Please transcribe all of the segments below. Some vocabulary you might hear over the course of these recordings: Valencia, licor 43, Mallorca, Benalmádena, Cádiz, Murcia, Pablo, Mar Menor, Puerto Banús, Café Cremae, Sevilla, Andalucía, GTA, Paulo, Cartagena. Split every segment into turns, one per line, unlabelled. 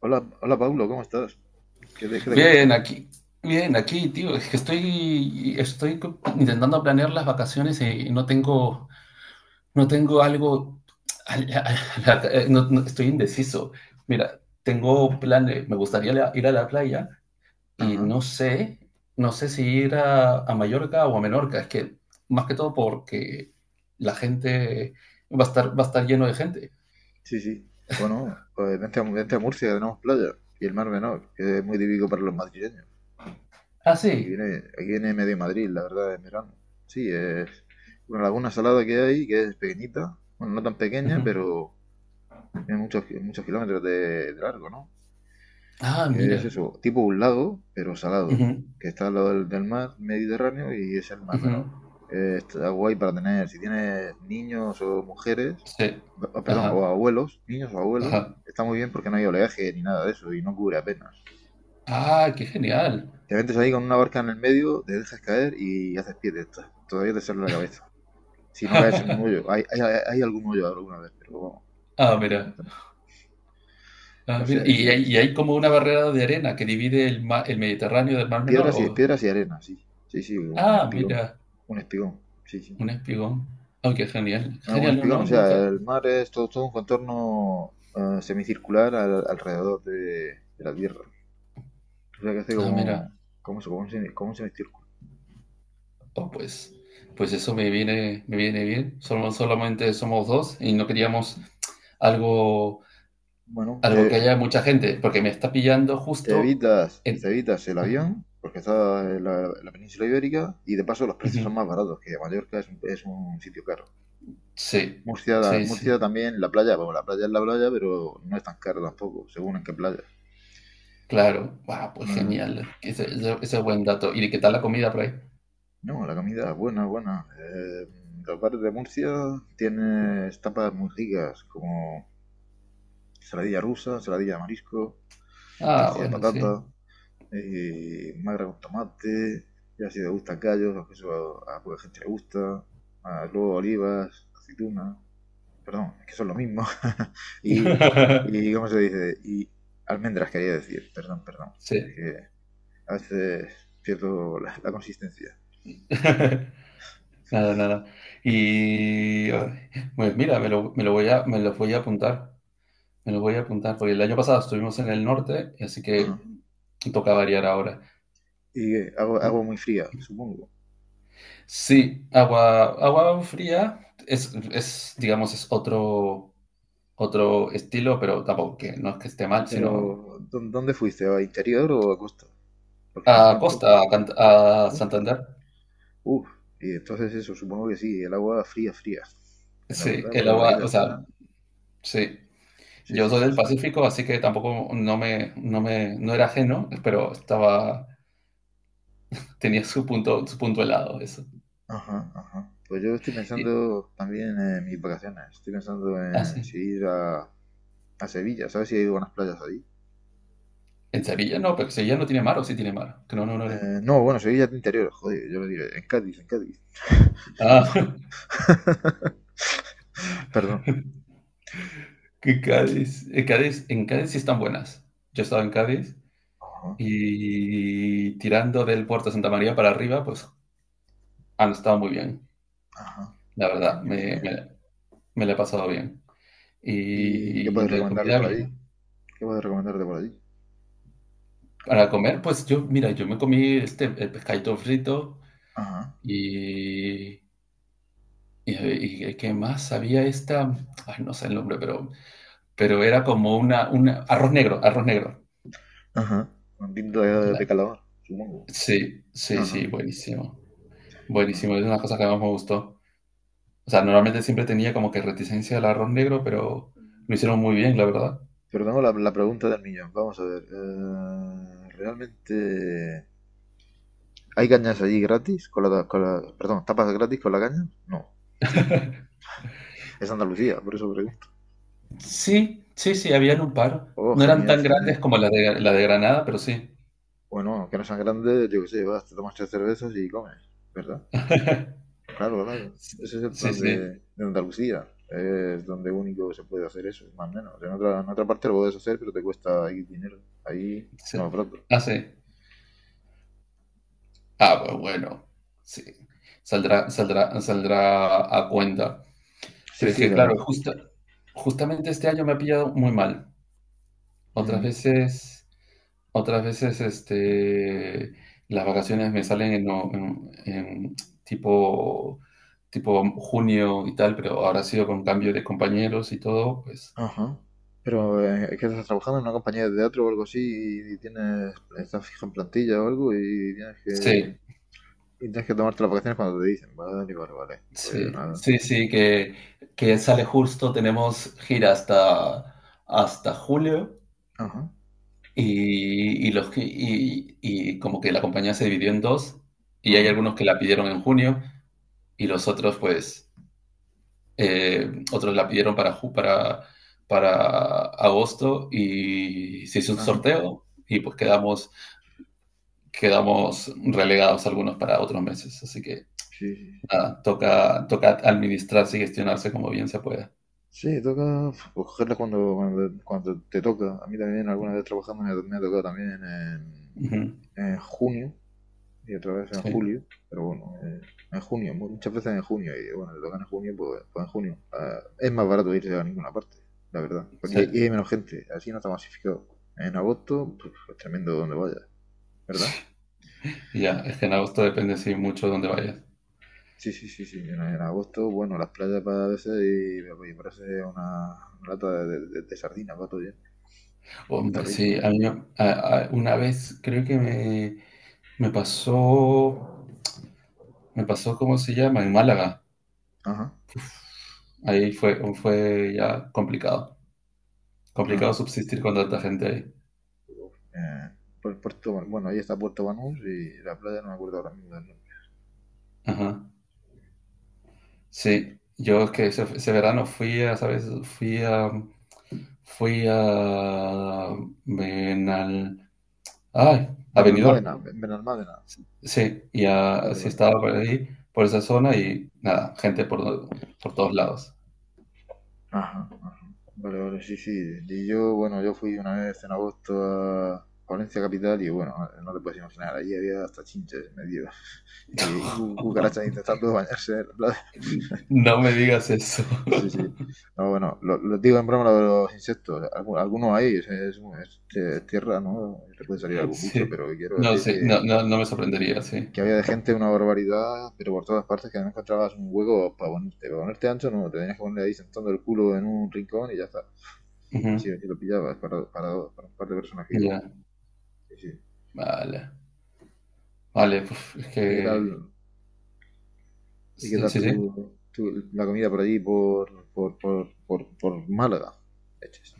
Hola, hola Paulo, ¿cómo estás? ¿Qué te cuentas?
Bien, aquí, bien, aquí, tío. Es que estoy intentando planear las vacaciones y no tengo algo, estoy indeciso. Mira, tengo planes, me gustaría ir a la playa y
Ajá,
no sé si ir a Mallorca o a Menorca. Es que más que todo porque la gente va a estar lleno de gente.
sí, sí. Bueno, pues vente a Murcia, que tenemos playa. Y el Mar Menor, que es muy típico para los madrileños.
Ah,
Aquí
sí.
viene, aquí viene medio Madrid, la verdad, en verano. Sí, es una laguna salada que hay, que es pequeñita. Bueno, no tan pequeña,
Ujú.
pero tiene muchos, muchos kilómetros de largo, ¿no?
Ah,
Que es
mira.
eso, tipo un lago, pero
Ujú,
salado, que está al lado del mar Mediterráneo y es el Mar
ujú.
Menor. Está guay para tener, si tienes niños o mujeres,
Sí.
perdón, o
Ajá,
abuelos, niños o abuelos,
ajá.
está muy bien porque no hay oleaje ni nada de eso y no cubre apenas.
Ah, qué genial.
Te metes ahí con una barca en el medio, te dejas caer y haces pie de esta. Todavía te sale la cabeza. Si no caes en un hoyo, hay algún hoyo alguna vez, pero vamos,
Ah, mira.
generalmente no. O
Ah, mira.
sea que sí,
¿Y y
sí.
hay como una barrera de arena que divide el Mediterráneo del Mar Menor? ¿O?
Piedras y arena, sí. Sí, sí, un
Ah,
espigón.
mira,
Un espigón, sí, sí.
un espigón. Ah, qué genial.
Ah, un
Genial, no,
espigón,
no,
o sea,
nunca.
el mar es todo, todo un contorno semicircular alrededor de la Tierra. O sea, que hace
Ah,
como,
mira.
como, eso, como un, como un semicírculo.
Oh, pues, me viene bien. Solamente somos dos y no queríamos algo,
Bueno,
algo que haya mucha gente, porque me está pillando
te
justo
evitas, te
en...
evitas el
Ajá,
avión, porque está en la península ibérica, y de paso los precios son
ujú.
más baratos, que Mallorca es un sitio caro.
Sí,
Murcia,
sí,
Murcia
sí.
también, la playa, bueno, la playa es la playa, pero no es tan cara tampoco, según en qué playa.
Claro, wow, pues
No
genial, ese es buen dato. ¿Y qué tal la comida por ahí?
No, la comida, buena, buena. Los bares de Murcia tienes tapas muy ricas, como saladilla rusa, saladilla de marisco,
Ah,
tortilla de
bueno,
patata,
sí.
magra con tomate, ya si te gustan callos, que eso a poca gente le gusta, más luego olivas, aceitunas, perdón, es que son lo mismo, y, y, ¿cómo se dice? Y almendras quería decir, perdón, perdón, es
Sí.
que a veces pierdo la consistencia.
Nada, nada. Y ay, pues mira, me lo voy a apuntar. Porque el año pasado estuvimos en el norte, así que
Ajá.
toca variar ahora.
Y agua muy fría, supongo.
Sí, agua fría es, digamos, es otro estilo, pero tampoco que no es que esté mal, sino
Pero, ¿dónde fuiste? ¿A interior o a costa? Porque pensaba
a
en
Costa,
costa.
a
Costa.
Santander.
Uf. Y entonces eso, supongo que sí, el agua fría, fría. La
Sí,
verdad, por
el agua,
aquella
o sea,
zona.
sí.
Sí,
Yo
sí,
soy
sí,
del
sí.
Pacífico, así que tampoco no era ajeno, pero estaba, tenía su punto helado, eso.
Ajá, ajá. Pues yo estoy
Y,
pensando también en mis vacaciones. Estoy pensando
ah,
en
sí.
si ir a Sevilla. ¿Sabes si hay buenas playas allí?
En Sevilla no, pero Sevilla no tiene mar, o sí tiene mar. Que no, no, no, no.
No, bueno, Sevilla es de interior. Joder, yo lo diré. En Cádiz, en Cádiz.
Ah,
Perdón. Perdón.
que Cádiz, en Cádiz sí están buenas. Yo estaba en Cádiz
Ajá,
y tirando del puerto de Santa María para arriba, pues han estado muy bien,
ajá.
la verdad,
Genial, genial.
me, me la he pasado bien.
¿Y qué
Y
puedes
la
recomendarle
comida
por allí?
bien.
¿Qué puedo recomendarte por allí?
Para comer, pues yo, mira, yo me comí este, el pescadito frito
Ajá,
y, y ¿qué más? Había ay, no sé el nombre, pero era como una arroz arroz negro.
ajá. Un tinto de
La-
calamar, supongo.
sí, sí, sí,
Ajá,
buenísimo, buenísimo,
ajá.
es una cosa que más me gustó. O sea, normalmente siempre tenía como que reticencia al arroz negro, pero lo hicieron muy bien, la verdad.
Pero tengo la pregunta del millón. Vamos a ver. ¿Realmente hay cañas allí gratis? Con la, perdón, ¿tapas gratis con la caña? No. Sí. Es Andalucía, por eso pregunto.
Sí, sí, sí, habían un par.
Oh,
No eran
genial,
tan
genial.
grandes como la de Granada, pero sí.
Bueno, que no sean grandes, yo qué sé, vas, te tomas tres cervezas y comes, ¿verdad? Claro, claro. Ese es el
Sí,
plan
sí,
de Andalucía. Es donde único se puede hacer eso, más o menos. En otra parte lo puedes hacer, pero te cuesta ahí dinero. Ahí,
sí.
no, pronto.
Ah, sí. Ah, pues bueno, sí. Saldrá, saldrá, saldrá a cuenta.
Sí,
Pero es
sí,
que,
la
claro,
verdad.
justamente este año me ha pillado muy mal. Otras
Mm,
veces, otras veces, este, las vacaciones me salen en, no- en tipo, tipo junio y tal, pero ahora ha sido con cambio de compañeros y todo, pues.
ajá. Pero es que estás trabajando en una compañía de teatro o algo así y, tienes, estás fija en plantilla o algo
Sí,
y tienes que tomarte las vacaciones cuando te dicen. Vale, vale, vale. Pues
sí,
nada.
sí, sí, que sale justo, tenemos gira hasta, hasta julio.
Ajá,
Y, y como que la compañía se dividió en dos, y hay
ajá,
algunos que la pidieron en junio, y los otros, pues, otros la pidieron para agosto, y se hizo un
ajá.
sorteo, y pues quedamos, quedamos relegados algunos para otros meses. Así que
Sí, sí.
nada, toca, toca administrarse y gestionarse como bien se pueda.
Sí, toca pues, cogerla cuando, cuando, cuando te toca. A mí también alguna vez trabajando me ha tocado también
Ujú,
en junio y otra vez en
sí,
julio, pero bueno, en junio, muchas veces en junio y bueno, te tocan en junio, pues en junio. Ah, es más barato irse a ninguna parte, la verdad.
sí.
Porque- Y, hay menos gente, así no está masificado. En agosto, pues, es tremendo donde vayas, ¿verdad?
Y ya, es que en agosto depende, sí, mucho de dónde vayas.
Sí, sí, sí, sí. En agosto, bueno, las playas para veces y parece una lata de sardinas, va todo bien. Hasta
Hombre,
arriba.
sí, a mí me- a- una vez creo que me pasó, me pasó, ¿cómo se llama? En Málaga.
Ajá.
Ahí fue, fue ya complicado, complicado
Ajá.
subsistir con tanta gente ahí.
eh, por Puerto Bueno, ahí está Puerto Banús y la playa no me acuerdo ahora mismo del nombre.
Ajá. Sí, yo es que ese verano fui a, ¿sabes? Fui a, Benal, ay, a Benidorm.
Benalmádena, Benalmádena.
Sí,
Vale,
sí
vale.
estaba por ahí, por esa zona y nada, gente por todos lados.
Ajá, vale, vale, sí, sí. Y yo, bueno, yo fui una vez en agosto a Valencia capital y bueno, vale, no te puedes imaginar, allí había hasta chinches medio y cucarachas intentando bañarse en la playa.
No me digas eso.
Sí, sí. No, bueno, lo digo en broma lo de los insectos. Algunos hay, es, tierra, ¿no? Te puede salir algún bicho,
Sí.
pero quiero
No,
decir
sí, no, no, no me sorprendería, sí.
que había de gente una barbaridad, pero por todas partes, que no encontrabas un hueco para ponerte. Para ponerte ancho, no, te tenías que poner ahí sentando el culo en un rincón y ya está. Si
Ujú,
sí, aquí lo pillabas para, un par de personas que
ya,
íbamos. Sí, sí.
vale. Vale, puf, es
¿Y qué
que...
tal, y qué
Sí,
tal
sí, sí.
la comida por allí, por Málaga? Leches.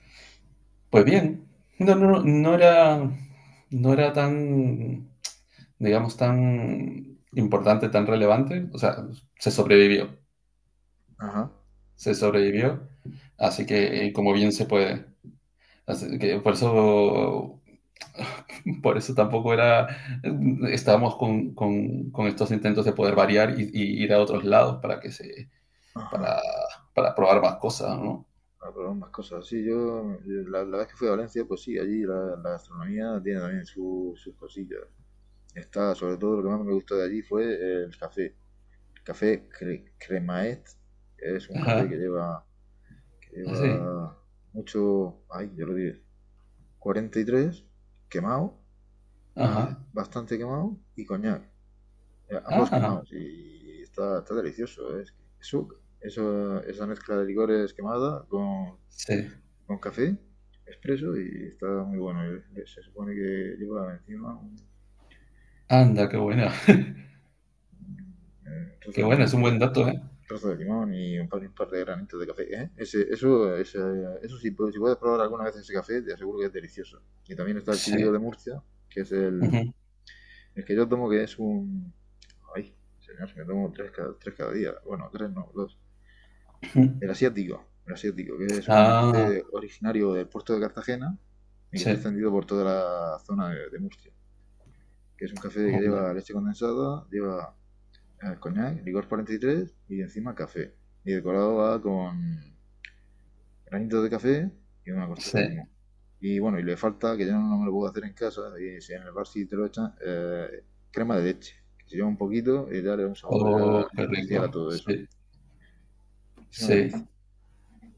Pues bien. No, no, no, no era... No era tan, digamos, tan importante, tan relevante. O sea, se sobrevivió.
Ajá,
Se sobrevivió. Así que, como bien se puede. Así que por eso por eso tampoco era, estábamos con estos intentos de poder variar y ir a otros lados
ajá.
para, para probar más cosas, ¿no?
Ah, pero más cosas. Sí, yo vez que fui a Valencia, pues sí, allí la gastronomía tiene también sus cosillas. Está, sobre todo, lo que más me gustó de allí fue el café. Café Cremaet es un café que
Ajá,
lleva, que
así,
lleva mucho, ay, yo lo diré, 43 quemado,
ajá,
ah, bastante quemado, y coñac, ambos
ah,
quemados, y está, está delicioso, ¿eh? Es que eso, esa mezcla de licores quemada
sí,
con café expreso y está muy bueno. Se supone que lleva encima un,
anda,
trozo
qué
de
buena,
limón,
es un buen
creo.
dato, ¿eh?
Trozo de limón y un par de granitos de café. ¿Eh? Ese, eso, eso sí, pues, si puedes probar alguna vez ese café, te aseguro que es delicioso. Y también está el típico
Sí,
de Murcia, que es
ujú,
el que yo tomo, que es un... Ay, señor, me tomo tres cada día. Bueno, tres no, dos.
ujú.
El asiático, que es un
Ah,
café originario del puerto de Cartagena y que
sí,
se ha extendido por toda la zona de Murcia. Que es un café que
oh, man,
lleva leche condensada, lleva coñac, licor 43 y tres y encima café. Y decorado va con granitos de café y una
sí,
corteza de limón. Y bueno, y le falta, que yo no me lo puedo hacer en casa, y si en el bar sí te lo echan, crema de leche, que se lleva un poquito y da un sabor
oh,
ya
qué
especial a
rico,
todo eso.
sí,
Es una
sí,
delicia.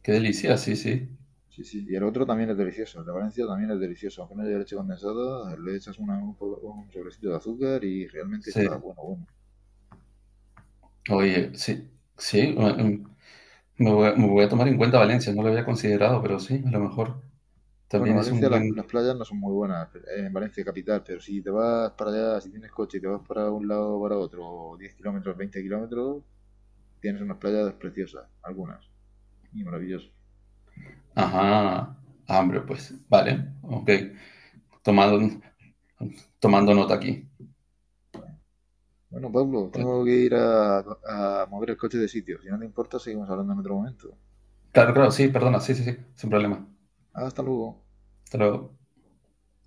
qué delicia, sí, sí,
Sí, sí. Y el otro también es delicioso, el de Valencia también es delicioso. Aunque no lleve leche condensada, le echas un sobrecito de azúcar y realmente
sí,
está bueno, bueno.
oye, sí, sí, me voy a tomar en cuenta Valencia, no lo había considerado, pero sí, a lo mejor
Bueno,
también es
Valencia
un
las
buen...
playas no son muy buenas, en Valencia capital, pero si te vas para allá, si tienes coche y te vas para un lado o para otro, 10 kilómetros, 20 kilómetros, tienes unas playas preciosas, algunas, y maravilloso.
Ajá, hambre, pues. Vale, ok. Tomando, tomando nota aquí.
Bueno, Pablo,
Bueno,
tengo que ir a mover el coche de sitio. Si no te importa, seguimos hablando en otro momento.
claro, claro, sí, perdona, sí, sí, sí, sin problema.
Hasta luego.
Hasta luego.